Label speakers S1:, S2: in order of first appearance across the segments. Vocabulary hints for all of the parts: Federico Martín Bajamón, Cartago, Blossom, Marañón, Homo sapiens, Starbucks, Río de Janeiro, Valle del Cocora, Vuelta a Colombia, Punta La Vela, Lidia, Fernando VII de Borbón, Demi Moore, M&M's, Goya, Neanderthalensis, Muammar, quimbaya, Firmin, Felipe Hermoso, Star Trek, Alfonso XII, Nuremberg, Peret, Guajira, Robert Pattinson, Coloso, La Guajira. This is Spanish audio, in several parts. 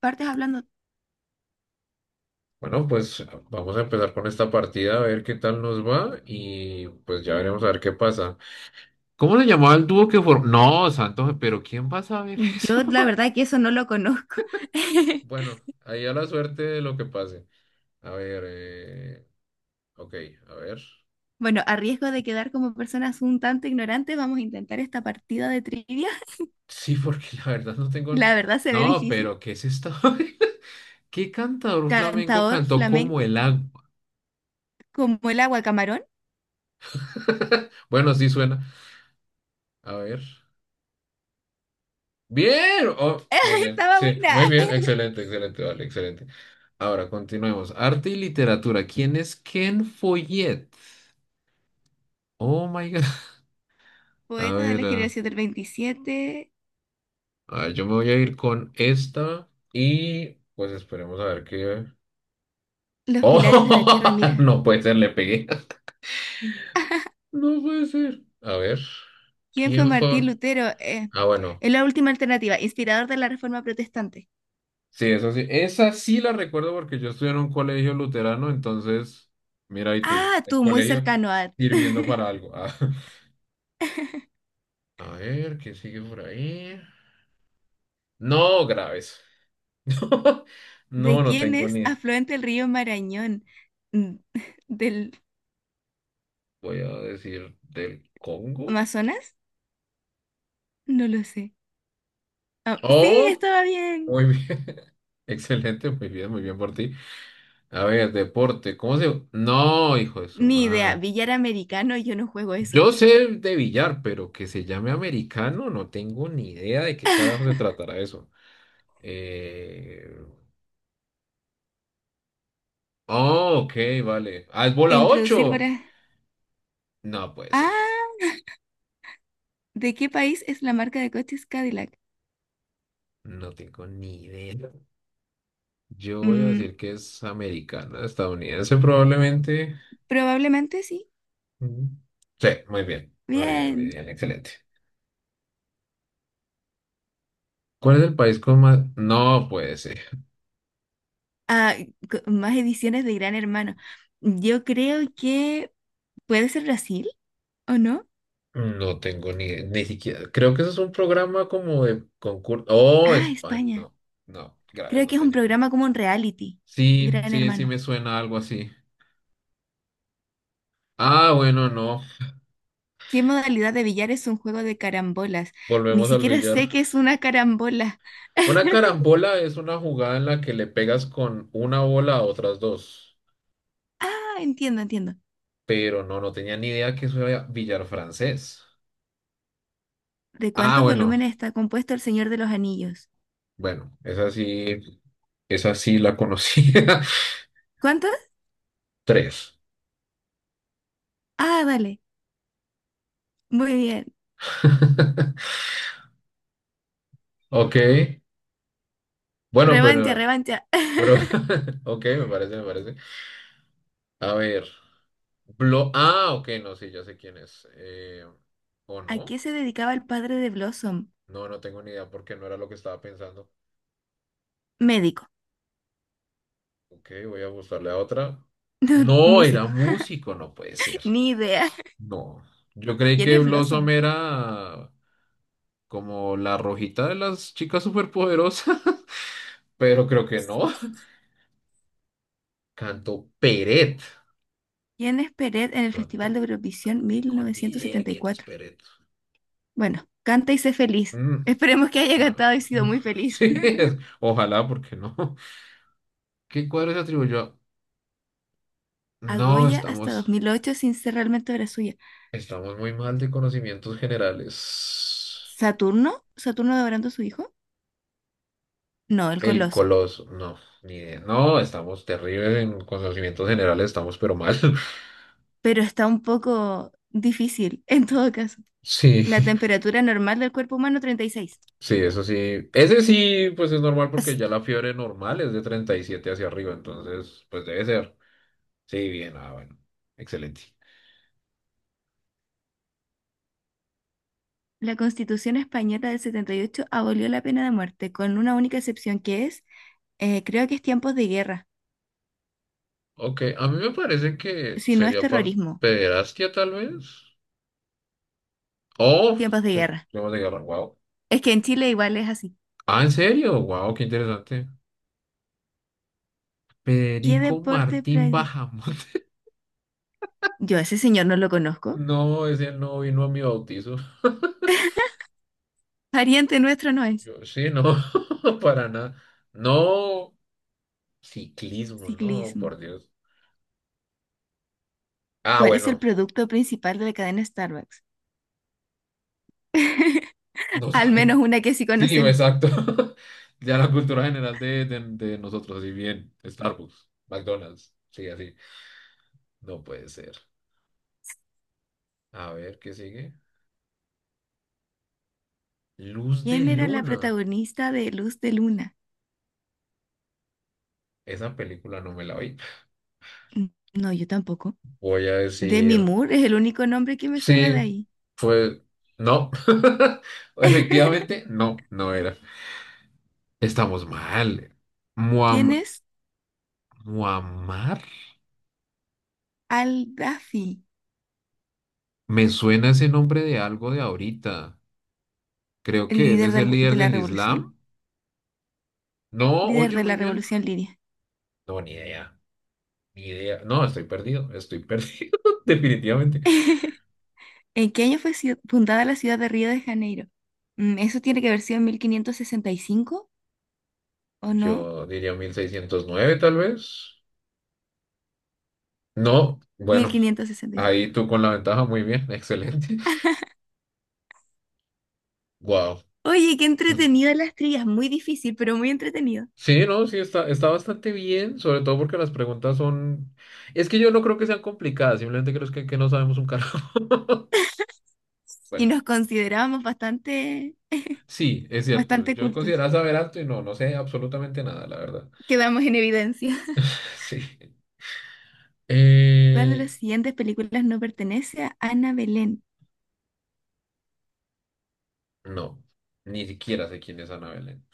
S1: Partes hablando.
S2: Bueno, pues vamos a empezar con esta partida a ver qué tal nos va y pues ya veremos a ver qué pasa. ¿Cómo se llamaba el dúo que formó? No, Santo, pero ¿quién va a saber eso?
S1: Yo la verdad que eso no lo conozco.
S2: Bueno, ahí a la suerte de lo que pase. A ver, ok, a ver.
S1: Bueno, a riesgo de quedar como personas un tanto ignorantes, vamos a intentar esta partida de trivia.
S2: Sí, porque la verdad no tengo...
S1: La verdad se ve
S2: No,
S1: difícil.
S2: pero ¿qué es esto? ¿Qué cantador flamenco
S1: Cantador
S2: cantó como
S1: flamenco
S2: el agua?
S1: como el agua camarón.
S2: Bueno, sí suena. A ver. Bien, oh, muy bien,
S1: Estaba
S2: sí,
S1: buena.
S2: muy bien, excelente, excelente, vale, excelente. Ahora continuemos. Arte y literatura. ¿Quién es Ken Follett? Oh my God. A
S1: Poeta de
S2: ver,
S1: la generación del 27.
S2: yo me voy a ir con esta y pues esperemos a ver qué.
S1: Los pilares de la tierra,
S2: Oh,
S1: mira.
S2: no puede ser, le pegué. No puede ser. A ver,
S1: ¿Quién fue
S2: ¿quién fue?
S1: Martín Lutero?
S2: Ah, bueno.
S1: Es la última alternativa, inspirador de la Reforma Protestante.
S2: Sí, eso sí. Esa sí la recuerdo porque yo estudié en un colegio luterano, entonces, mira, y tú,
S1: Ah,
S2: el
S1: tú, muy
S2: colegio
S1: cercano a...
S2: sirviendo para algo. Ah, A ver, ¿qué sigue por ahí? No, graves.
S1: ¿De
S2: No, no
S1: quién
S2: tengo
S1: es
S2: ni.
S1: afluente el río Marañón? Mm, ¿Del
S2: Voy a decir del Congo.
S1: Amazonas? No lo sé. Ah, sí,
S2: Oh,
S1: estaba bien.
S2: muy bien. Excelente, muy bien por ti. A ver, deporte. ¿Cómo se...? No, hijo de su
S1: Ni idea.
S2: madre.
S1: Billar americano, yo no juego eso.
S2: Yo sé de billar, pero que se llame americano, no tengo ni idea de qué carajo se tratará eso. Eh... Oh, ok, vale. Ah, es
S1: E
S2: bola
S1: introducir
S2: 8.
S1: para...
S2: No puede ser.
S1: Ah, ¿de qué país es la marca de coches Cadillac?
S2: No tengo ni idea. Yo voy a
S1: Mm,
S2: decir que es americana, estadounidense probablemente.
S1: Probablemente sí.
S2: Mm. Sí, muy bien. Muy bien, muy
S1: Bien.
S2: bien. Excelente. ¿Cuál es el país con más...? No puede ser.
S1: Ah, Más ediciones de Gran Hermano. Yo creo que puede ser Brasil, ¿o no?
S2: No tengo ni siquiera. Creo que eso es un programa como de concurso. Oh,
S1: Ah,
S2: España.
S1: España.
S2: No, no, graves,
S1: Creo
S2: no
S1: que es un
S2: tenía ni idea.
S1: programa como un reality.
S2: Sí,
S1: Gran
S2: sí, sí
S1: Hermano.
S2: me suena algo así. Ah, bueno, no.
S1: ¿Qué modalidad de billar es un juego de carambolas? Ni
S2: Volvemos al
S1: siquiera
S2: billar.
S1: sé qué es una carambola.
S2: Una carambola es una jugada en la que le pegas con una bola a otras dos.
S1: Ah, entiendo.
S2: Pero no, no tenía ni idea que eso era billar francés.
S1: ¿De
S2: Ah,
S1: cuántos
S2: bueno,
S1: volúmenes está compuesto El Señor de los Anillos?
S2: bueno, esa sí la conocía.
S1: ¿Cuántos?
S2: Tres.
S1: Ah, vale. Muy bien.
S2: Ok. Bueno,
S1: Revancha,
S2: pero,
S1: revancha.
S2: pero, ok, me parece, me parece. A ver. Blo Ah, ok, no, sí, ya sé quién es. ¿O
S1: ¿A qué
S2: no?
S1: se dedicaba el padre de Blossom?
S2: No, no tengo ni idea porque no era lo que estaba pensando.
S1: Médico.
S2: Ok, voy a buscarle a otra.
S1: No,
S2: No, era
S1: músico.
S2: músico, no puede ser.
S1: Ni idea.
S2: No. Yo creí
S1: ¿Quién
S2: que
S1: es
S2: Blossom
S1: Blossom?
S2: era como la rojita de las chicas superpoderosas, pero creo que no. Cantó Peret.
S1: ¿Quién es Peret en el
S2: No
S1: Festival de Eurovisión
S2: tengo ni idea quién es
S1: 1974?
S2: Peret.
S1: Bueno, canta y sé feliz.
S2: Mm,
S1: Esperemos que haya
S2: no,
S1: cantado y sido
S2: no.
S1: muy feliz.
S2: Sí, ojalá, porque no. ¿Qué cuadro se atribuyó
S1: A
S2: No,
S1: Goya hasta
S2: estamos,
S1: 2008 sin ser realmente obra suya.
S2: estamos muy mal de conocimientos generales.
S1: ¿Saturno? ¿Saturno devorando a su hijo? No, el
S2: El
S1: Coloso.
S2: Coloso, no, ni idea. No, estamos terribles en conocimientos generales, estamos pero mal.
S1: Pero está un poco difícil en todo caso.
S2: Sí,
S1: La temperatura normal del cuerpo humano 36.
S2: sí, eso sí. Ese sí, pues es normal porque
S1: Es-
S2: ya la fiebre normal es de 37 hacia arriba, entonces, pues debe ser. Sí, bien, ah, bueno, excelente.
S1: La Constitución española del 78 abolió la pena de muerte, con una única excepción que es, creo que es tiempos de guerra,
S2: Ok, a mí me parece que
S1: si no es
S2: sería por
S1: terrorismo,
S2: pederastia tal vez. Oh,
S1: tiempos de guerra.
S2: temas de guerra, wow.
S1: Es que en Chile igual es así.
S2: Ah, ¿en serio? Wow, qué interesante.
S1: ¿Qué
S2: Federico
S1: deporte
S2: Martín
S1: practica?
S2: Bajamón.
S1: Yo a ese señor no lo conozco.
S2: No, ese no vino a mi bautizo.
S1: Pariente nuestro no es.
S2: Yo, sí, no, para nada. No, ciclismo, no,
S1: Ciclismo.
S2: por Dios. Ah,
S1: ¿Cuál es el
S2: bueno,
S1: producto principal de la cadena Starbucks?
S2: no
S1: Al
S2: sabe.
S1: menos una que sí
S2: Sí,
S1: conocemos.
S2: exacto. Ya la cultura general de nosotros, y bien, Starbucks, McDonald's, sí, así. No puede ser. A ver, ¿qué sigue? Luz de
S1: ¿Quién era la
S2: Luna.
S1: protagonista de Luz de Luna?
S2: Esa película no me la vi.
S1: Mm, No, yo tampoco.
S2: Voy a
S1: Demi
S2: decir,
S1: Moore es el único nombre que me suena de
S2: sí,
S1: ahí.
S2: fue, no. Efectivamente, no, no era. Estamos mal.
S1: ¿Quién es
S2: Muammar.
S1: Al-Dafi?
S2: Me suena ese nombre de algo de ahorita. Creo
S1: ¿El
S2: que él
S1: líder
S2: es el líder
S1: de la
S2: del
S1: revolución?
S2: Islam. No,
S1: Líder
S2: oye,
S1: de
S2: muy
S1: la
S2: bien.
S1: revolución Lidia.
S2: No, ni idea. Ni idea. No, estoy perdido. Estoy perdido, definitivamente.
S1: ¿En qué año fue fundada la ciudad de Río de Janeiro? ¿Eso tiene que haber sido en 1565 o no?
S2: Yo diría 1609, tal vez. No, bueno,
S1: 1565.
S2: ahí tú con la ventaja, muy bien, excelente. Wow.
S1: Oye, qué entretenido las trillas, muy difícil, pero muy entretenido.
S2: Sí, no, sí, está bastante bien, sobre todo porque las preguntas son... Es que yo no creo que sean complicadas, simplemente creo que no sabemos un carajo.
S1: Y
S2: Bueno.
S1: nos considerábamos bastante,
S2: Sí, es cierto.
S1: bastante
S2: Yo
S1: cultos.
S2: consideraba saber alto y no, no sé absolutamente nada, la verdad.
S1: Quedamos en evidencia.
S2: Sí.
S1: ¿Cuál de las
S2: Eh,
S1: siguientes películas no pertenece a Ana Belén?
S2: no, ni siquiera sé quién es Ana Belén.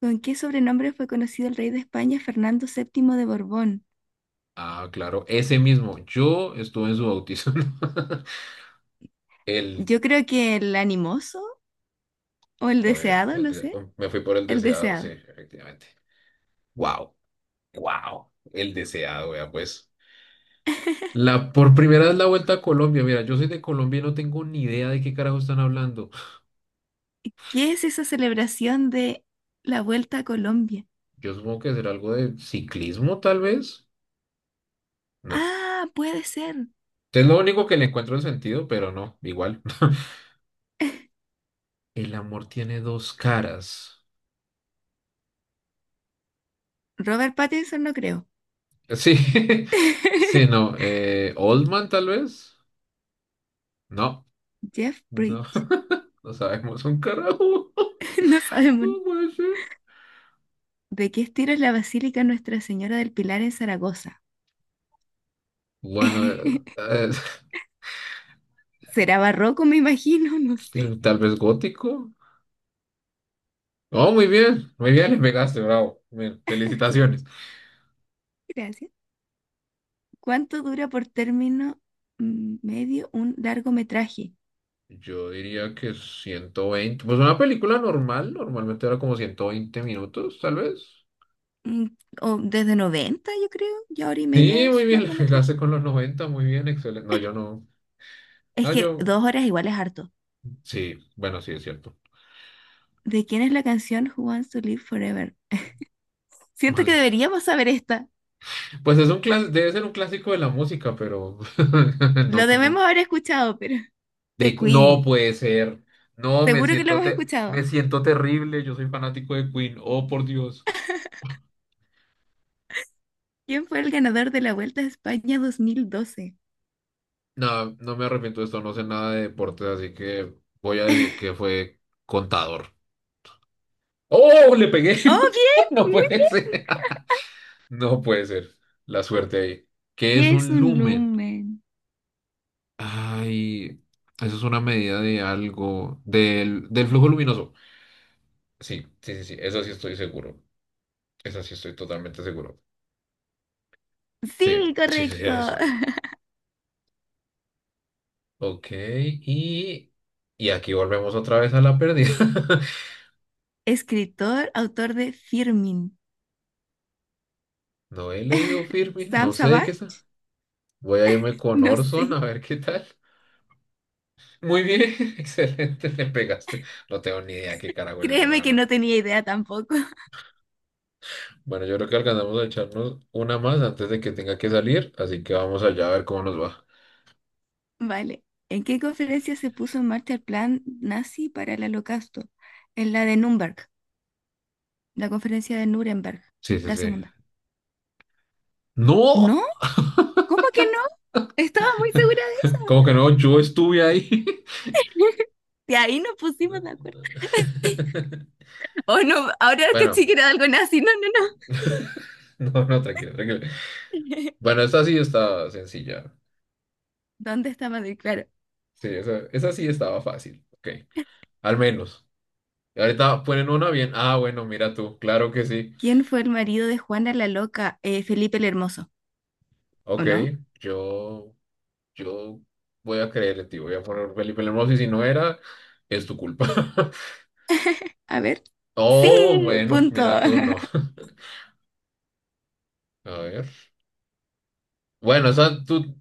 S1: ¿Con qué sobrenombre fue conocido el rey de España Fernando VII de Borbón?
S2: Ah, claro, ese mismo. Yo estuve en su bautizo. El,
S1: Yo creo que el animoso o el
S2: joder,
S1: deseado,
S2: el
S1: no sé,
S2: oh, me fui por el
S1: el
S2: deseado, sí,
S1: deseado.
S2: efectivamente. Wow, wow, el deseado, vea, pues. La, por primera vez la vuelta a Colombia. Mira, yo soy de Colombia y no tengo ni idea de qué carajo están hablando.
S1: ¿Qué es esa celebración de la vuelta a Colombia?
S2: Yo supongo que será algo de ciclismo, tal vez. No.
S1: Ah, puede ser.
S2: Es lo único que le encuentro en sentido, pero no, igual. El amor tiene dos caras.
S1: Robert Pattinson no creo.
S2: Sí, sí, no. Oldman, tal vez. No,
S1: Jeff
S2: no,
S1: Bridges.
S2: no sabemos un carajo.
S1: No sabemos.
S2: No puede ser.
S1: ¿De qué estilo es la Basílica Nuestra Señora del Pilar en Zaragoza?
S2: Bueno,
S1: ¿Será barroco, me imagino? No sé.
S2: tal vez gótico. Oh, muy bien, le pegaste, bravo. Bien, felicitaciones.
S1: Gracias. ¿Cuánto dura por término medio un largometraje?
S2: Yo diría que 120. Pues una película normal, normalmente era como 120 minutos, tal vez.
S1: Mm, O desde 90, yo creo, ya hora y media
S2: Sí, muy
S1: es
S2: bien,
S1: largometraje.
S2: la con los 90, muy bien, excelente. No, yo no.
S1: Es
S2: No,
S1: que
S2: yo.
S1: dos horas igual es harto.
S2: Sí, bueno, sí, es cierto.
S1: ¿De quién es la canción Who Wants to Live Forever? Siento
S2: Mal.
S1: que deberíamos saber esta.
S2: Pues es un debe ser un clásico de la música, pero no,
S1: Lo
S2: no.
S1: debemos haber escuchado, pero de
S2: No
S1: Queen.
S2: puede ser. No, me
S1: Seguro que lo
S2: siento
S1: hemos escuchado.
S2: me siento terrible. Yo soy fanático de Queen. Oh, por Dios.
S1: ¿Quién fue el ganador de la Vuelta a España 2012?
S2: No, no me arrepiento de esto, no sé nada de deportes, así que voy a decir que fue contador. ¡Oh! Le pegué.
S1: ¡Oh, bien!
S2: No
S1: Muy
S2: puede
S1: bien.
S2: ser. No puede ser. La suerte ahí. ¿Qué es
S1: ¿Qué es
S2: un
S1: un
S2: lumen?
S1: lumen?
S2: Ay, eso es una medida de algo, del flujo luminoso. Sí, sí, sí, sí, eso sí estoy seguro. Eso sí estoy totalmente seguro. Sí,
S1: Sí,
S2: sí, sí, sí,
S1: correcto.
S2: eso. Ok, y aquí volvemos otra vez a la pérdida.
S1: Escritor, autor de Firmin.
S2: No he leído Firmin,
S1: Sam
S2: no sé de qué es.
S1: Savage,
S2: Voy a irme con
S1: no
S2: Orson
S1: sé.
S2: a ver qué tal. Muy bien, excelente, me pegaste. No tengo ni idea qué carajo es eso, la
S1: Créeme que
S2: verdad.
S1: no tenía idea tampoco.
S2: Bueno, yo creo que alcanzamos a echarnos una más antes de que tenga que salir, así que vamos allá a ver cómo nos va.
S1: Vale. ¿En qué conferencia se puso en marcha el plan nazi para el holocausto? En la de Nuremberg, la conferencia de Nuremberg,
S2: Sí, sí,
S1: la
S2: sí.
S1: segunda.
S2: ¡No!
S1: ¿No? ¿Cómo que no? Estaba muy segura de
S2: ¿Cómo que no? Yo estuve ahí.
S1: eso. De ahí nos pusimos de acuerdo. Oh, no, ahora que
S2: Bueno.
S1: sí que era algo nazi. No,
S2: No, no, tranquilo, tranquilo.
S1: no.
S2: Bueno, esa sí estaba sencilla.
S1: ¿Dónde está Madrid? Claro.
S2: Sí, esa sí estaba fácil. Ok, al menos. Y ahorita ponen una bien. Ah, bueno, mira tú, claro que sí.
S1: ¿Quién fue el marido de Juana la Loca? Felipe el Hermoso, ¿o
S2: Ok,
S1: no?
S2: yo, yo voy a creer en ti. Voy a poner Felipe Hermoso y si no era, es tu culpa.
S1: A ver. Sí,
S2: Oh, bueno,
S1: punto.
S2: mira tú, no. A ver. Bueno, esa tú,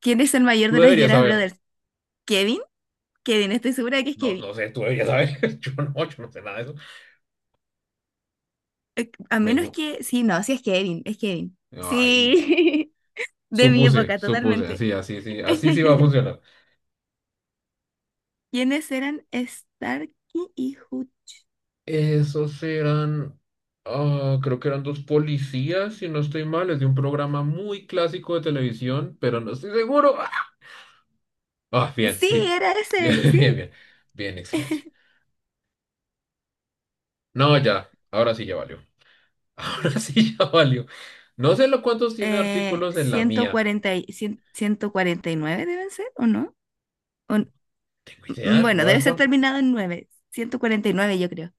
S1: ¿Quién es el mayor
S2: tú
S1: de los
S2: deberías
S1: Jonas
S2: saber.
S1: Brothers? ¿Kevin? Kevin, estoy segura de que es
S2: No,
S1: Kevin.
S2: no sé, tú deberías saber. Yo no, yo no sé nada de eso.
S1: A
S2: Me,
S1: menos
S2: gu-
S1: que... Sí, no, sí es Kevin, es Kevin.
S2: Ay,
S1: Sí, de mi
S2: supuse,
S1: época,
S2: supuse,
S1: totalmente.
S2: así, así sí va a funcionar.
S1: ¿Quiénes eran Starkey y Hut?
S2: Esos eran, ah, creo que eran dos policías, si no estoy mal, es de un programa muy clásico de televisión, pero no estoy seguro. Ah, bien,
S1: Sí,
S2: sí.
S1: era
S2: Bien,
S1: ese,
S2: bien,
S1: sí.
S2: bien. Bien, excelente. No, ya, ahora sí ya valió. Ahora sí ya valió. No sé lo cuántos tiene artículos en la
S1: Ciento
S2: mía.
S1: cuarenta y, 149, deben ser, ¿o no? O n-
S2: Tengo idea,
S1: bueno,
S2: yo
S1: debe
S2: voy
S1: ser
S2: con
S1: terminado en nueve, 149, yo creo.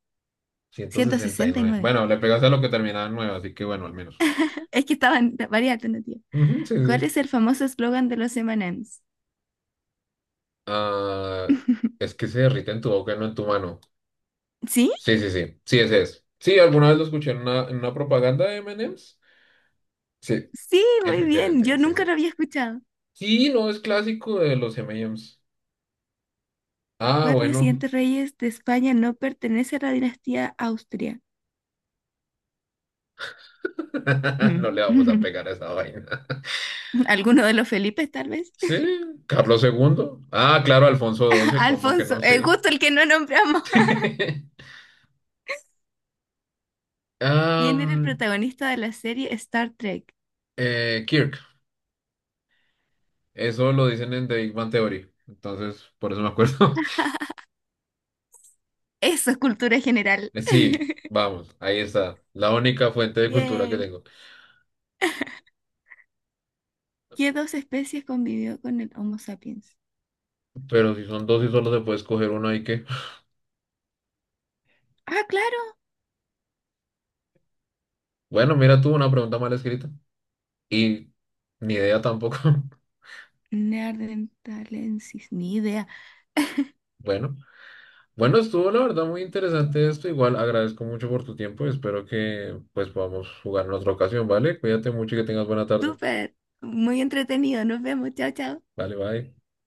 S2: ciento
S1: ciento
S2: sesenta y
S1: sesenta y
S2: nueve
S1: nueve,
S2: Bueno, le pegaste a lo que terminaba en 9, así que bueno, al menos.
S1: Es que estaban varias alternativas.
S2: Ujú, sí,
S1: ¿Cuál
S2: sí.
S1: es el famoso eslogan de los M&M's?
S2: Ah, es que se derrite en tu boca, no en tu mano.
S1: Sí,
S2: Sí, sí, sí. Sí, ese es. Sí, alguna vez lo escuché en una propaganda de M&M's. Sí,
S1: sí, muy bien. Yo
S2: efectivamente, sí, sí.
S1: nunca lo había escuchado.
S2: Sí, no, es clásico de los M&M's. Ah,
S1: Cuatro
S2: bueno.
S1: siguientes reyes de España no pertenece a la dinastía Austria.
S2: No
S1: Mm.
S2: le vamos a pegar a esa vaina.
S1: ¿Alguno de los Felipes, tal vez?
S2: Sí, Carlos II. Ah, claro, Alfonso XII, ¿cómo que
S1: Alfonso,
S2: no? Sí.
S1: justo el que no nombramos. ¿Quién era el
S2: Um,
S1: protagonista de la serie Star Trek?
S2: eh, Eso lo dicen en The Big Bang Theory. Entonces, por eso me acuerdo.
S1: Eso es cultura general.
S2: Sí, vamos, ahí está. La única fuente de cultura que
S1: Bien.
S2: tengo.
S1: ¿Qué dos especies convivió con el Homo sapiens?
S2: Pero si son dos y solo se puede escoger uno, ¿ahí qué?
S1: Ah, claro.
S2: Bueno, mira tú una pregunta mal escrita. Y ni idea tampoco.
S1: Neanderthalensis, ni idea.
S2: Bueno, bueno, estuvo la verdad muy interesante esto. Igual agradezco mucho por tu tiempo. Espero que pues podamos jugar en otra ocasión, ¿vale? Cuídate mucho y que tengas buena tarde.
S1: Súper, muy entretenido. Nos vemos. Chao, chao.
S2: Vale, bye.